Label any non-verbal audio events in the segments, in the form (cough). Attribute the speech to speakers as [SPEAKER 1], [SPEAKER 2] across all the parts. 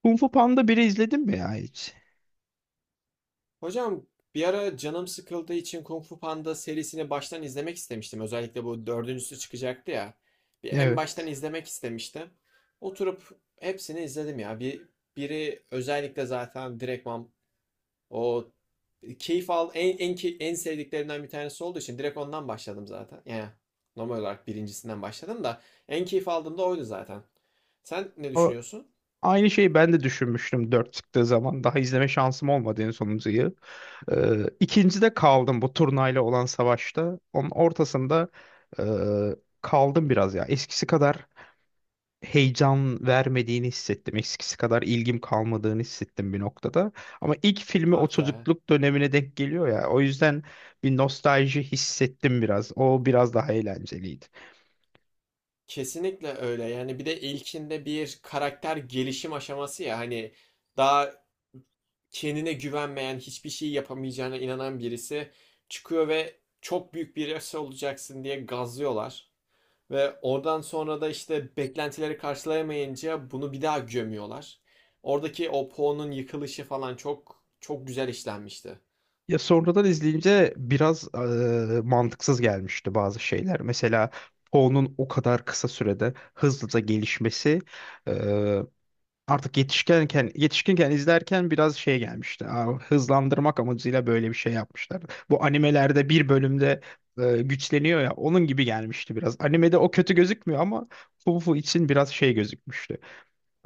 [SPEAKER 1] Kung Fu Panda biri izledin mi ya hiç?
[SPEAKER 2] Hocam bir ara canım sıkıldığı için Kung Fu Panda serisini baştan izlemek istemiştim. Özellikle bu dördüncüsü çıkacaktı ya. Bir en baştan
[SPEAKER 1] Evet.
[SPEAKER 2] izlemek istemiştim. Oturup hepsini izledim ya. Biri özellikle zaten direktman, o keyif al en en key- en sevdiklerimden bir tanesi olduğu için direkt ondan başladım zaten. Yani normal olarak birincisinden başladım da en keyif aldığım da oydu zaten. Sen ne
[SPEAKER 1] O,
[SPEAKER 2] düşünüyorsun?
[SPEAKER 1] aynı şeyi ben de düşünmüştüm 4 çıktığı zaman. Daha izleme şansım olmadı en sonuncuyu. İkincide kaldım bu turnayla olan savaşta. Onun ortasında e, kaldım biraz ya. Eskisi kadar heyecan vermediğini hissettim. Eskisi kadar ilgim kalmadığını hissettim bir noktada. Ama ilk filmi o
[SPEAKER 2] Ah be.
[SPEAKER 1] çocukluk dönemine denk geliyor ya. O yüzden bir nostalji hissettim biraz. O biraz daha eğlenceliydi.
[SPEAKER 2] Kesinlikle öyle. Yani bir de ilkinde bir karakter gelişim aşaması ya, hani daha kendine güvenmeyen, hiçbir şey yapamayacağına inanan birisi çıkıyor ve çok büyük birisi olacaksın diye gazlıyorlar. Ve oradan sonra da işte beklentileri karşılayamayınca bunu bir daha gömüyorlar. Oradaki o Poe'nun yıkılışı falan çok çok güzel işlenmişti.
[SPEAKER 1] Ya sonradan izleyince biraz mantıksız gelmişti bazı şeyler. Mesela Poe'nun o kadar kısa sürede hızlıca gelişmesi eee, artık yetişkinken izlerken biraz şey gelmişti. Aa, hızlandırmak amacıyla böyle bir şey yapmışlar. Bu animelerde bir bölümde güçleniyor ya onun gibi gelmişti biraz. Animede o kötü gözükmüyor ama Poe için biraz şey gözükmüştü.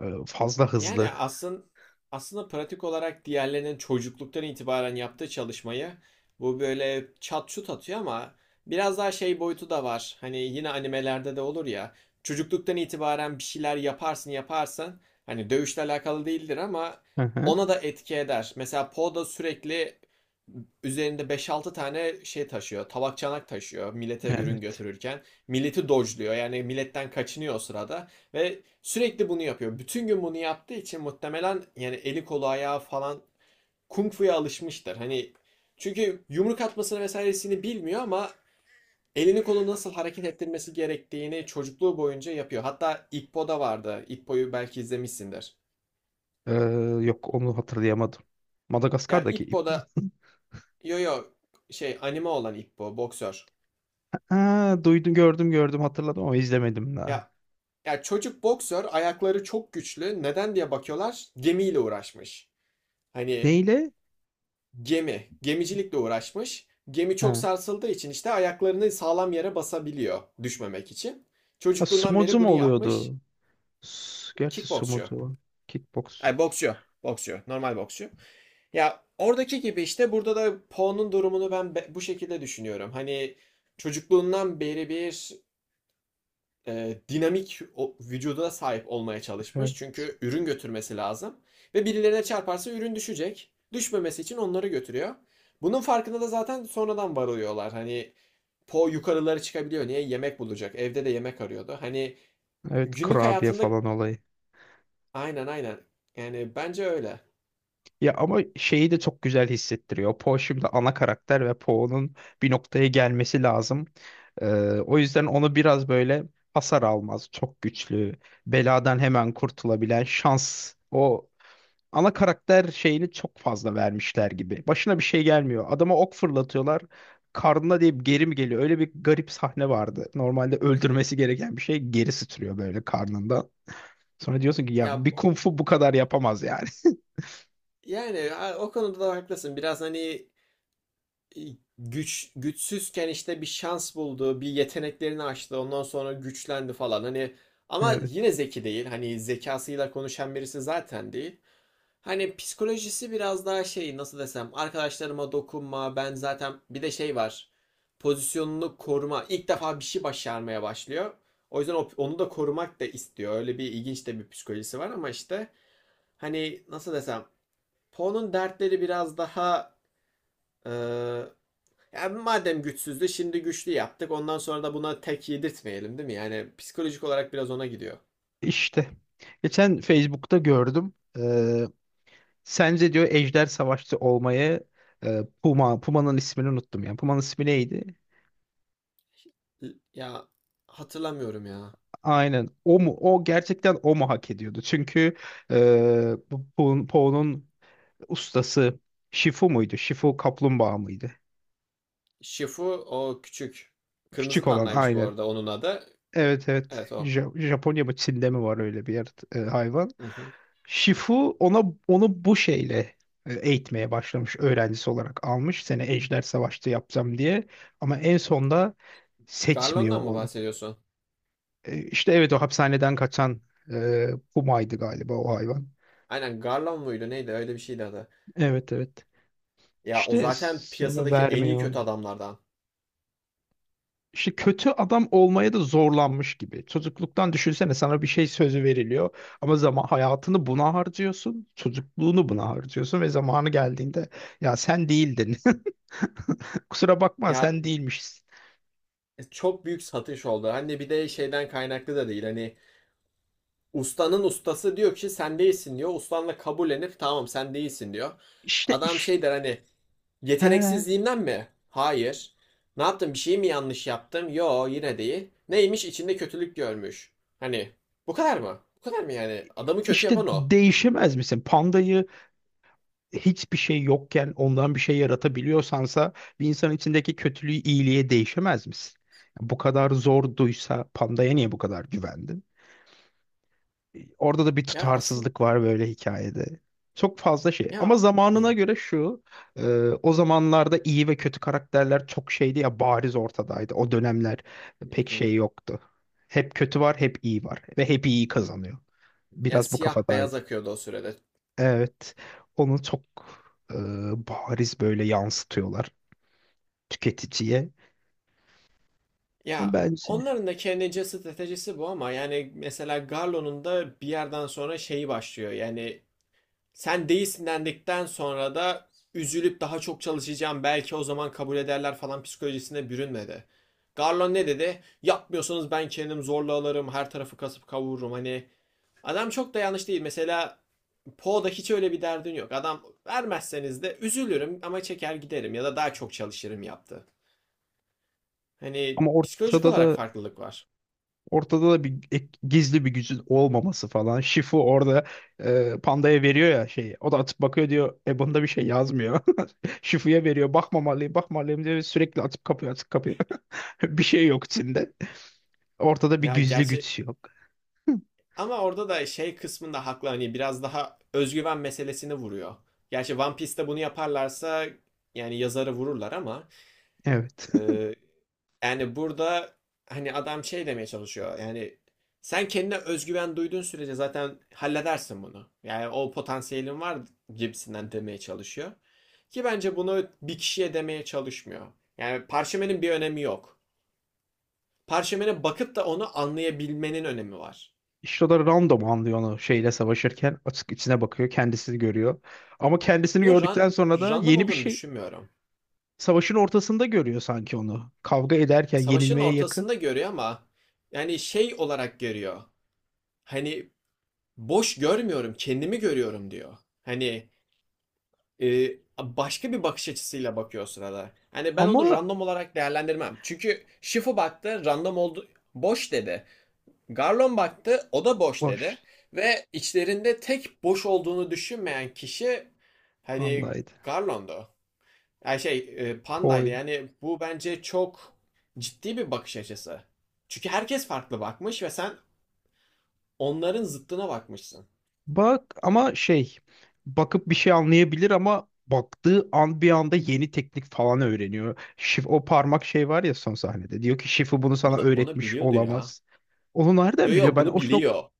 [SPEAKER 1] Fazla
[SPEAKER 2] Yani
[SPEAKER 1] hızlı.
[SPEAKER 2] aslında pratik olarak diğerlerinin çocukluktan itibaren yaptığı çalışmayı bu böyle çat şut atıyor ama biraz daha şey boyutu da var. Hani yine animelerde de olur ya. Çocukluktan itibaren bir şeyler yaparsın yaparsın. Hani dövüşle alakalı değildir ama
[SPEAKER 1] Hı hı.
[SPEAKER 2] ona da etki eder. Mesela Poe da sürekli üzerinde beş altı tane şey taşıyor. Tabak çanak taşıyor, millete ürün
[SPEAKER 1] Evet.
[SPEAKER 2] götürürken. Milleti dojluyor, yani milletten kaçınıyor o sırada. Ve sürekli bunu yapıyor. Bütün gün bunu yaptığı için muhtemelen yani eli kolu ayağı falan kung fu'ya alışmıştır. Hani çünkü yumruk atmasını vesairesini bilmiyor ama elini kolunu nasıl hareket ettirmesi gerektiğini çocukluğu boyunca yapıyor. Hatta Ippo'da vardı. Ippo'yu belki izlemişsindir.
[SPEAKER 1] Eee, Yok onu hatırlayamadım.
[SPEAKER 2] Ya
[SPEAKER 1] Madagaskar'daki ip.
[SPEAKER 2] Ippo'da, yo yo, şey, anime olan Ippo boksör.
[SPEAKER 1] Ha, duydum gördüm hatırladım ama izlemedim daha.
[SPEAKER 2] Ya ya çocuk boksör ayakları çok güçlü. Neden diye bakıyorlar, gemiyle uğraşmış. Hani
[SPEAKER 1] Neyle?
[SPEAKER 2] Gemicilikle uğraşmış. Gemi çok
[SPEAKER 1] Ha.
[SPEAKER 2] sarsıldığı için işte ayaklarını sağlam yere basabiliyor düşmemek için.
[SPEAKER 1] Ha,
[SPEAKER 2] Çocukluğundan
[SPEAKER 1] sumocu
[SPEAKER 2] beri
[SPEAKER 1] mu
[SPEAKER 2] bunu yapmış.
[SPEAKER 1] oluyordu? Gerçi
[SPEAKER 2] Kickboksçu.
[SPEAKER 1] sumocu var. Kickbox.
[SPEAKER 2] Ay, boksçu. Boksçu. Normal boksçu. Ya oradaki gibi işte burada da Poe'nun durumunu ben bu şekilde düşünüyorum. Hani çocukluğundan beri bir dinamik o, vücuda sahip olmaya çalışmış.
[SPEAKER 1] Evet.
[SPEAKER 2] Çünkü ürün götürmesi lazım. Ve birilerine çarparsa ürün düşecek. Düşmemesi için onları götürüyor. Bunun farkında da zaten sonradan varılıyorlar. Hani Po yukarılara çıkabiliyor. Niye? Yemek bulacak. Evde de yemek arıyordu. Hani
[SPEAKER 1] Evet,
[SPEAKER 2] günlük
[SPEAKER 1] kurabiye
[SPEAKER 2] hayatında,
[SPEAKER 1] falan olayı.
[SPEAKER 2] aynen aynen. Yani bence öyle.
[SPEAKER 1] Ya ama şeyi de çok güzel hissettiriyor. Po şimdi ana karakter ve Po'nun bir noktaya gelmesi lazım. Ee, O yüzden onu biraz böyle hasar almaz. Çok güçlü. Beladan hemen kurtulabilen şans. O ana karakter şeyini çok fazla vermişler gibi. Başına bir şey gelmiyor. Adama ok fırlatıyorlar. Karnına deyip geri mi geliyor? Öyle bir garip sahne vardı. Normalde öldürmesi gereken bir şey geri sıçrıyor böyle karnından. Sonra diyorsun ki ya
[SPEAKER 2] Ya
[SPEAKER 1] bir kung fu bu kadar yapamaz yani.
[SPEAKER 2] yani o konuda da haklısın. Biraz hani e, güçsüzken işte bir şans buldu, bir yeteneklerini açtı, ondan sonra güçlendi falan. Hani
[SPEAKER 1] (laughs)
[SPEAKER 2] ama yine
[SPEAKER 1] Evet.
[SPEAKER 2] zeki değil. Hani zekasıyla konuşan birisi zaten değil. Hani psikolojisi biraz daha şey, nasıl desem, arkadaşlarıma dokunma, ben zaten bir de şey var, pozisyonunu koruma. İlk defa bir şey başarmaya başlıyor. O yüzden onu da korumak da istiyor. Öyle bir ilginç de bir psikolojisi var ama işte hani nasıl desem Poe'nun dertleri biraz daha e, yani madem güçsüzdü şimdi güçlü yaptık. Ondan sonra da buna tek yedirtmeyelim değil mi? Yani psikolojik olarak biraz ona gidiyor.
[SPEAKER 1] İşte. Geçen Facebook'ta gördüm. Sence diyor Ejder Savaşçı olmayı Puma, Puma'nın ismini unuttum ya. Puma'nın ismi neydi?
[SPEAKER 2] Ya hatırlamıyorum ya.
[SPEAKER 1] Aynen, o mu, o gerçekten o mu hak ediyordu çünkü bu Poe'nun ustası Shifu muydu, Shifu kaplumbağa mıydı
[SPEAKER 2] Shifu o küçük. Kırmızı
[SPEAKER 1] küçük olan,
[SPEAKER 2] pandaymış bu
[SPEAKER 1] aynen.
[SPEAKER 2] arada onun adı.
[SPEAKER 1] Evet evet,
[SPEAKER 2] Evet o.
[SPEAKER 1] Japonya mı Çin'de mi var öyle bir yer, hayvan.
[SPEAKER 2] Hı hı.
[SPEAKER 1] Shifu ona onu bu şeyle eğitmeye başlamış, öğrencisi olarak almış, seni Ejder Savaş'ta yapacağım diye ama en sonda seçmiyor
[SPEAKER 2] Garlon'dan mı
[SPEAKER 1] onu.
[SPEAKER 2] bahsediyorsun?
[SPEAKER 1] İşte evet, o hapishaneden kaçan e, Puma'ydı galiba o hayvan.
[SPEAKER 2] Aynen, Garlon muydu neydi, öyle bir şeydi adı.
[SPEAKER 1] Evet evet.
[SPEAKER 2] Ya o
[SPEAKER 1] İşte
[SPEAKER 2] zaten
[SPEAKER 1] sonra
[SPEAKER 2] piyasadaki en iyi
[SPEAKER 1] vermiyor
[SPEAKER 2] kötü
[SPEAKER 1] onu.
[SPEAKER 2] adamlardan.
[SPEAKER 1] İşte kötü adam olmaya da zorlanmış gibi. Çocukluktan düşünsene, sana bir şey sözü veriliyor ama zaman hayatını buna harcıyorsun, çocukluğunu buna harcıyorsun ve zamanı geldiğinde ya sen değildin. (laughs) Kusura bakma,
[SPEAKER 2] Ya
[SPEAKER 1] sen değilmişsin.
[SPEAKER 2] Çok büyük satış oldu. Hani bir de şeyden kaynaklı da değil. Hani ustanın ustası diyor ki sen değilsin diyor. Ustanla kabullenip tamam sen değilsin diyor.
[SPEAKER 1] İşte
[SPEAKER 2] Adam
[SPEAKER 1] iş,
[SPEAKER 2] şey der hani,
[SPEAKER 1] he,
[SPEAKER 2] yeteneksizliğimden mi? Hayır. Ne yaptım? Bir şey mi yanlış yaptım? Yo, yine değil. Neymiş? İçinde kötülük görmüş. Hani bu kadar mı? Bu kadar mı yani? Adamı kötü
[SPEAKER 1] işte
[SPEAKER 2] yapan o.
[SPEAKER 1] değişemez misin? Pandayı hiçbir şey yokken ondan bir şey yaratabiliyorsansa bir insanın içindeki kötülüğü iyiliğe değişemez misin? Bu kadar zorduysa pandaya niye bu kadar güvendin? Orada da bir
[SPEAKER 2] Ya aslında,
[SPEAKER 1] tutarsızlık var böyle hikayede. Çok fazla şey. Ama
[SPEAKER 2] ya
[SPEAKER 1] zamanına
[SPEAKER 2] ne?
[SPEAKER 1] göre şu, e, o zamanlarda iyi ve kötü karakterler çok şeydi ya, bariz ortadaydı. O dönemler pek şey
[SPEAKER 2] (laughs)
[SPEAKER 1] yoktu. Hep kötü var, hep iyi var ve hep iyi kazanıyor.
[SPEAKER 2] Ya
[SPEAKER 1] Biraz bu
[SPEAKER 2] siyah beyaz
[SPEAKER 1] kafadaydı.
[SPEAKER 2] akıyordu o sürede.
[SPEAKER 1] Evet, onu çok e, bariz böyle yansıtıyorlar tüketiciye. Ama
[SPEAKER 2] Ya
[SPEAKER 1] bence
[SPEAKER 2] onların da kendince stratejisi bu ama yani mesela Garlo'nun da bir yerden sonra şeyi başlıyor. Yani sen değilsin dendikten sonra da üzülüp daha çok çalışacağım belki o zaman kabul ederler falan psikolojisine bürünmedi. Garlon ne dedi? Yapmıyorsanız ben kendim zorla alırım, her tarafı kasıp kavururum. Hani adam çok da yanlış değil. Mesela Poe'da hiç öyle bir derdin yok. Adam vermezseniz de üzülürüm ama çeker giderim ya da daha çok çalışırım yaptı. Hani
[SPEAKER 1] ama
[SPEAKER 2] psikolojik
[SPEAKER 1] ortada
[SPEAKER 2] olarak
[SPEAKER 1] da
[SPEAKER 2] farklılık var.
[SPEAKER 1] Ortada da bir gizli bir gücün olmaması falan. Shifu orada Panda'ya veriyor ya şeyi. O da atıp bakıyor diyor. E bunda bir şey yazmıyor. (laughs) Shifu'ya veriyor. Bakmamalıyım, bakmamalıyım diyor. Ve sürekli atıp kapıyor, atıp kapıyor. (laughs) Bir şey yok içinde. Ortada bir
[SPEAKER 2] Ya
[SPEAKER 1] gizli
[SPEAKER 2] gerçek,
[SPEAKER 1] güç yok.
[SPEAKER 2] ama orada da şey kısmında haklı, hani biraz daha özgüven meselesini vuruyor. Gerçi One Piece'te bunu yaparlarsa yani yazarı vururlar ama
[SPEAKER 1] Evet. (laughs)
[SPEAKER 2] e, yani burada hani adam şey demeye çalışıyor yani sen kendine özgüven duyduğun sürece zaten halledersin bunu. Yani o potansiyelin var gibisinden demeye çalışıyor. Ki bence bunu bir kişiye demeye çalışmıyor. Yani parşömenin bir önemi yok. Parşömene bakıp da onu anlayabilmenin önemi var.
[SPEAKER 1] İşte o da random anlıyor onu şeyle savaşırken. Açık içine bakıyor. Kendisini görüyor. Ama kendisini
[SPEAKER 2] Yo,
[SPEAKER 1] gördükten sonra da
[SPEAKER 2] random
[SPEAKER 1] yeni bir
[SPEAKER 2] olduğunu
[SPEAKER 1] şey.
[SPEAKER 2] düşünmüyorum.
[SPEAKER 1] Savaşın ortasında görüyor sanki onu. Kavga ederken
[SPEAKER 2] Savaşın
[SPEAKER 1] yenilmeye yakın.
[SPEAKER 2] ortasında görüyor ama yani şey olarak görüyor. Hani boş görmüyorum, kendimi görüyorum diyor. Hani e, başka bir bakış açısıyla bakıyor o sırada. Hani ben onu
[SPEAKER 1] Ama
[SPEAKER 2] random olarak değerlendirmem. Çünkü Shifu baktı, random oldu, boş dedi. Garlon baktı, o da boş dedi.
[SPEAKER 1] boş
[SPEAKER 2] Ve içlerinde tek boş olduğunu düşünmeyen kişi hani
[SPEAKER 1] andaydı.
[SPEAKER 2] Garlon'du. Yani pandaydı
[SPEAKER 1] Poydu.
[SPEAKER 2] yani, bu bence çok ciddi bir bakış açısı. Çünkü herkes farklı bakmış ve sen onların zıttına bakmışsın.
[SPEAKER 1] Bak ama şey, bakıp bir şey anlayabilir ama baktığı an bir anda yeni teknik falan öğreniyor. Şif o parmak şey var ya son sahnede. Diyor ki Şifu bunu sana
[SPEAKER 2] Onu
[SPEAKER 1] öğretmiş
[SPEAKER 2] biliyordu ya.
[SPEAKER 1] olamaz. Onu
[SPEAKER 2] Yo
[SPEAKER 1] nereden biliyor?
[SPEAKER 2] yo,
[SPEAKER 1] Ben o
[SPEAKER 2] bunu
[SPEAKER 1] nokta
[SPEAKER 2] biliyor.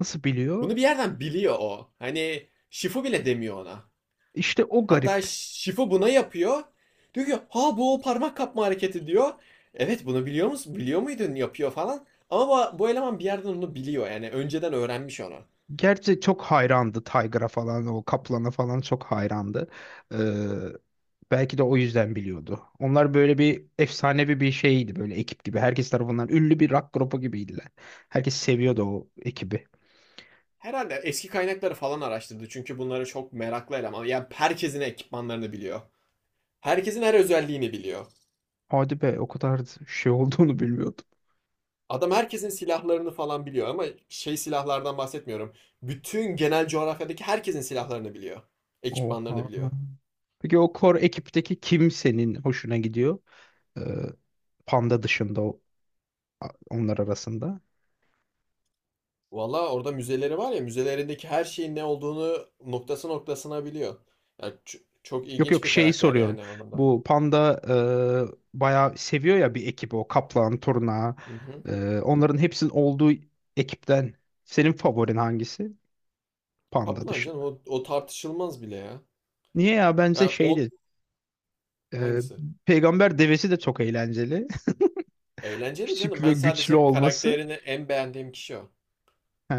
[SPEAKER 1] Nasıl biliyor?
[SPEAKER 2] Bunu bir yerden biliyor o. Hani Şifu bile demiyor ona.
[SPEAKER 1] İşte o
[SPEAKER 2] Hatta
[SPEAKER 1] garip.
[SPEAKER 2] Şifu buna yapıyor. Diyor ki, ha bu o parmak kapma hareketi diyor. Evet bunu biliyor musun? Biliyor muydun yapıyor falan. Ama bu, bu eleman bir yerden onu biliyor, yani önceden öğrenmiş onu.
[SPEAKER 1] Gerçi çok hayrandı Tiger'a falan, o Kaplan'a falan çok hayrandı. Ee, Belki de o yüzden biliyordu. Onlar böyle bir efsanevi bir şeydi böyle, ekip gibi. Herkes tarafından ünlü bir rock grubu gibiydiler. Herkes seviyordu o ekibi.
[SPEAKER 2] Herhalde eski kaynakları falan araştırdı çünkü bunları çok meraklı eleman. Yani herkesin ekipmanlarını biliyor. Herkesin her özelliğini biliyor.
[SPEAKER 1] Hadi be, o kadar şey olduğunu (laughs) bilmiyordum.
[SPEAKER 2] Adam herkesin silahlarını falan biliyor ama şey silahlardan bahsetmiyorum. Bütün genel coğrafyadaki herkesin silahlarını biliyor. Ekipmanlarını
[SPEAKER 1] Oha.
[SPEAKER 2] biliyor.
[SPEAKER 1] Peki o kor ekipteki kim senin hoşuna gidiyor? Ee, Panda dışında o, onlar arasında.
[SPEAKER 2] Valla orada müzeleri var ya, müzelerindeki her şeyin ne olduğunu noktası noktasına biliyor. Yani çok
[SPEAKER 1] Yok
[SPEAKER 2] ilginç
[SPEAKER 1] yok,
[SPEAKER 2] bir
[SPEAKER 1] şeyi
[SPEAKER 2] karakter
[SPEAKER 1] soruyorum.
[SPEAKER 2] yani anlamda.
[SPEAKER 1] Bu Panda bayağı seviyor ya bir ekibi, o Kaplan, Turna,
[SPEAKER 2] Hı hı.
[SPEAKER 1] onların hepsinin olduğu ekipten senin favorin hangisi? Panda
[SPEAKER 2] Kaplan canım
[SPEAKER 1] dışında.
[SPEAKER 2] o, o tartışılmaz bile ya.
[SPEAKER 1] Niye ya,
[SPEAKER 2] Ya
[SPEAKER 1] bence
[SPEAKER 2] on
[SPEAKER 1] şeydi. e,
[SPEAKER 2] hangisi?
[SPEAKER 1] Peygamber devesi de çok eğlenceli. (laughs)
[SPEAKER 2] Eğlenceli canım.
[SPEAKER 1] Küçük ve
[SPEAKER 2] Ben
[SPEAKER 1] güçlü
[SPEAKER 2] sadece
[SPEAKER 1] olması.
[SPEAKER 2] karakterini en beğendiğim kişi o.
[SPEAKER 1] He.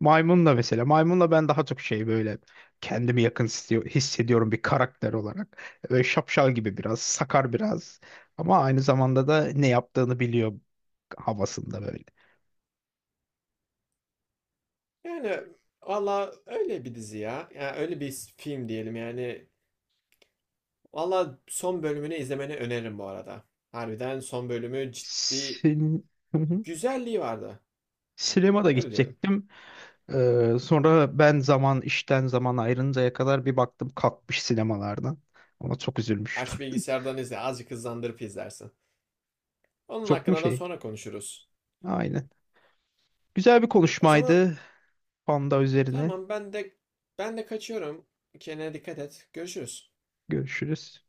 [SPEAKER 1] Maymunla mesela. Maymunla ben daha çok şey böyle kendimi yakın hissediyorum bir karakter olarak. Böyle şapşal gibi biraz, sakar biraz. Ama aynı zamanda da ne yaptığını biliyor havasında böyle.
[SPEAKER 2] Yani valla öyle bir dizi ya. Yani öyle bir film diyelim yani. Valla son bölümünü izlemeni öneririm bu arada. Harbiden son bölümü ciddi
[SPEAKER 1] Hı hı.
[SPEAKER 2] güzelliği vardı.
[SPEAKER 1] Sinemada
[SPEAKER 2] Öyle diyelim.
[SPEAKER 1] gidecektim. Sonra ben zaman işten zaman ayrıncaya kadar bir baktım kalkmış sinemalardan. Ona çok üzülmüştüm.
[SPEAKER 2] Aç bilgisayardan izle. Azıcık hızlandırıp izlersin.
[SPEAKER 1] (laughs)
[SPEAKER 2] Onun
[SPEAKER 1] Çok mu
[SPEAKER 2] hakkında da
[SPEAKER 1] şey?
[SPEAKER 2] sonra konuşuruz.
[SPEAKER 1] Aynen. Güzel bir
[SPEAKER 2] O zaman
[SPEAKER 1] konuşmaydı. Panda üzerine.
[SPEAKER 2] tamam, ben de kaçıyorum. Kendine dikkat et. Görüşürüz.
[SPEAKER 1] Görüşürüz.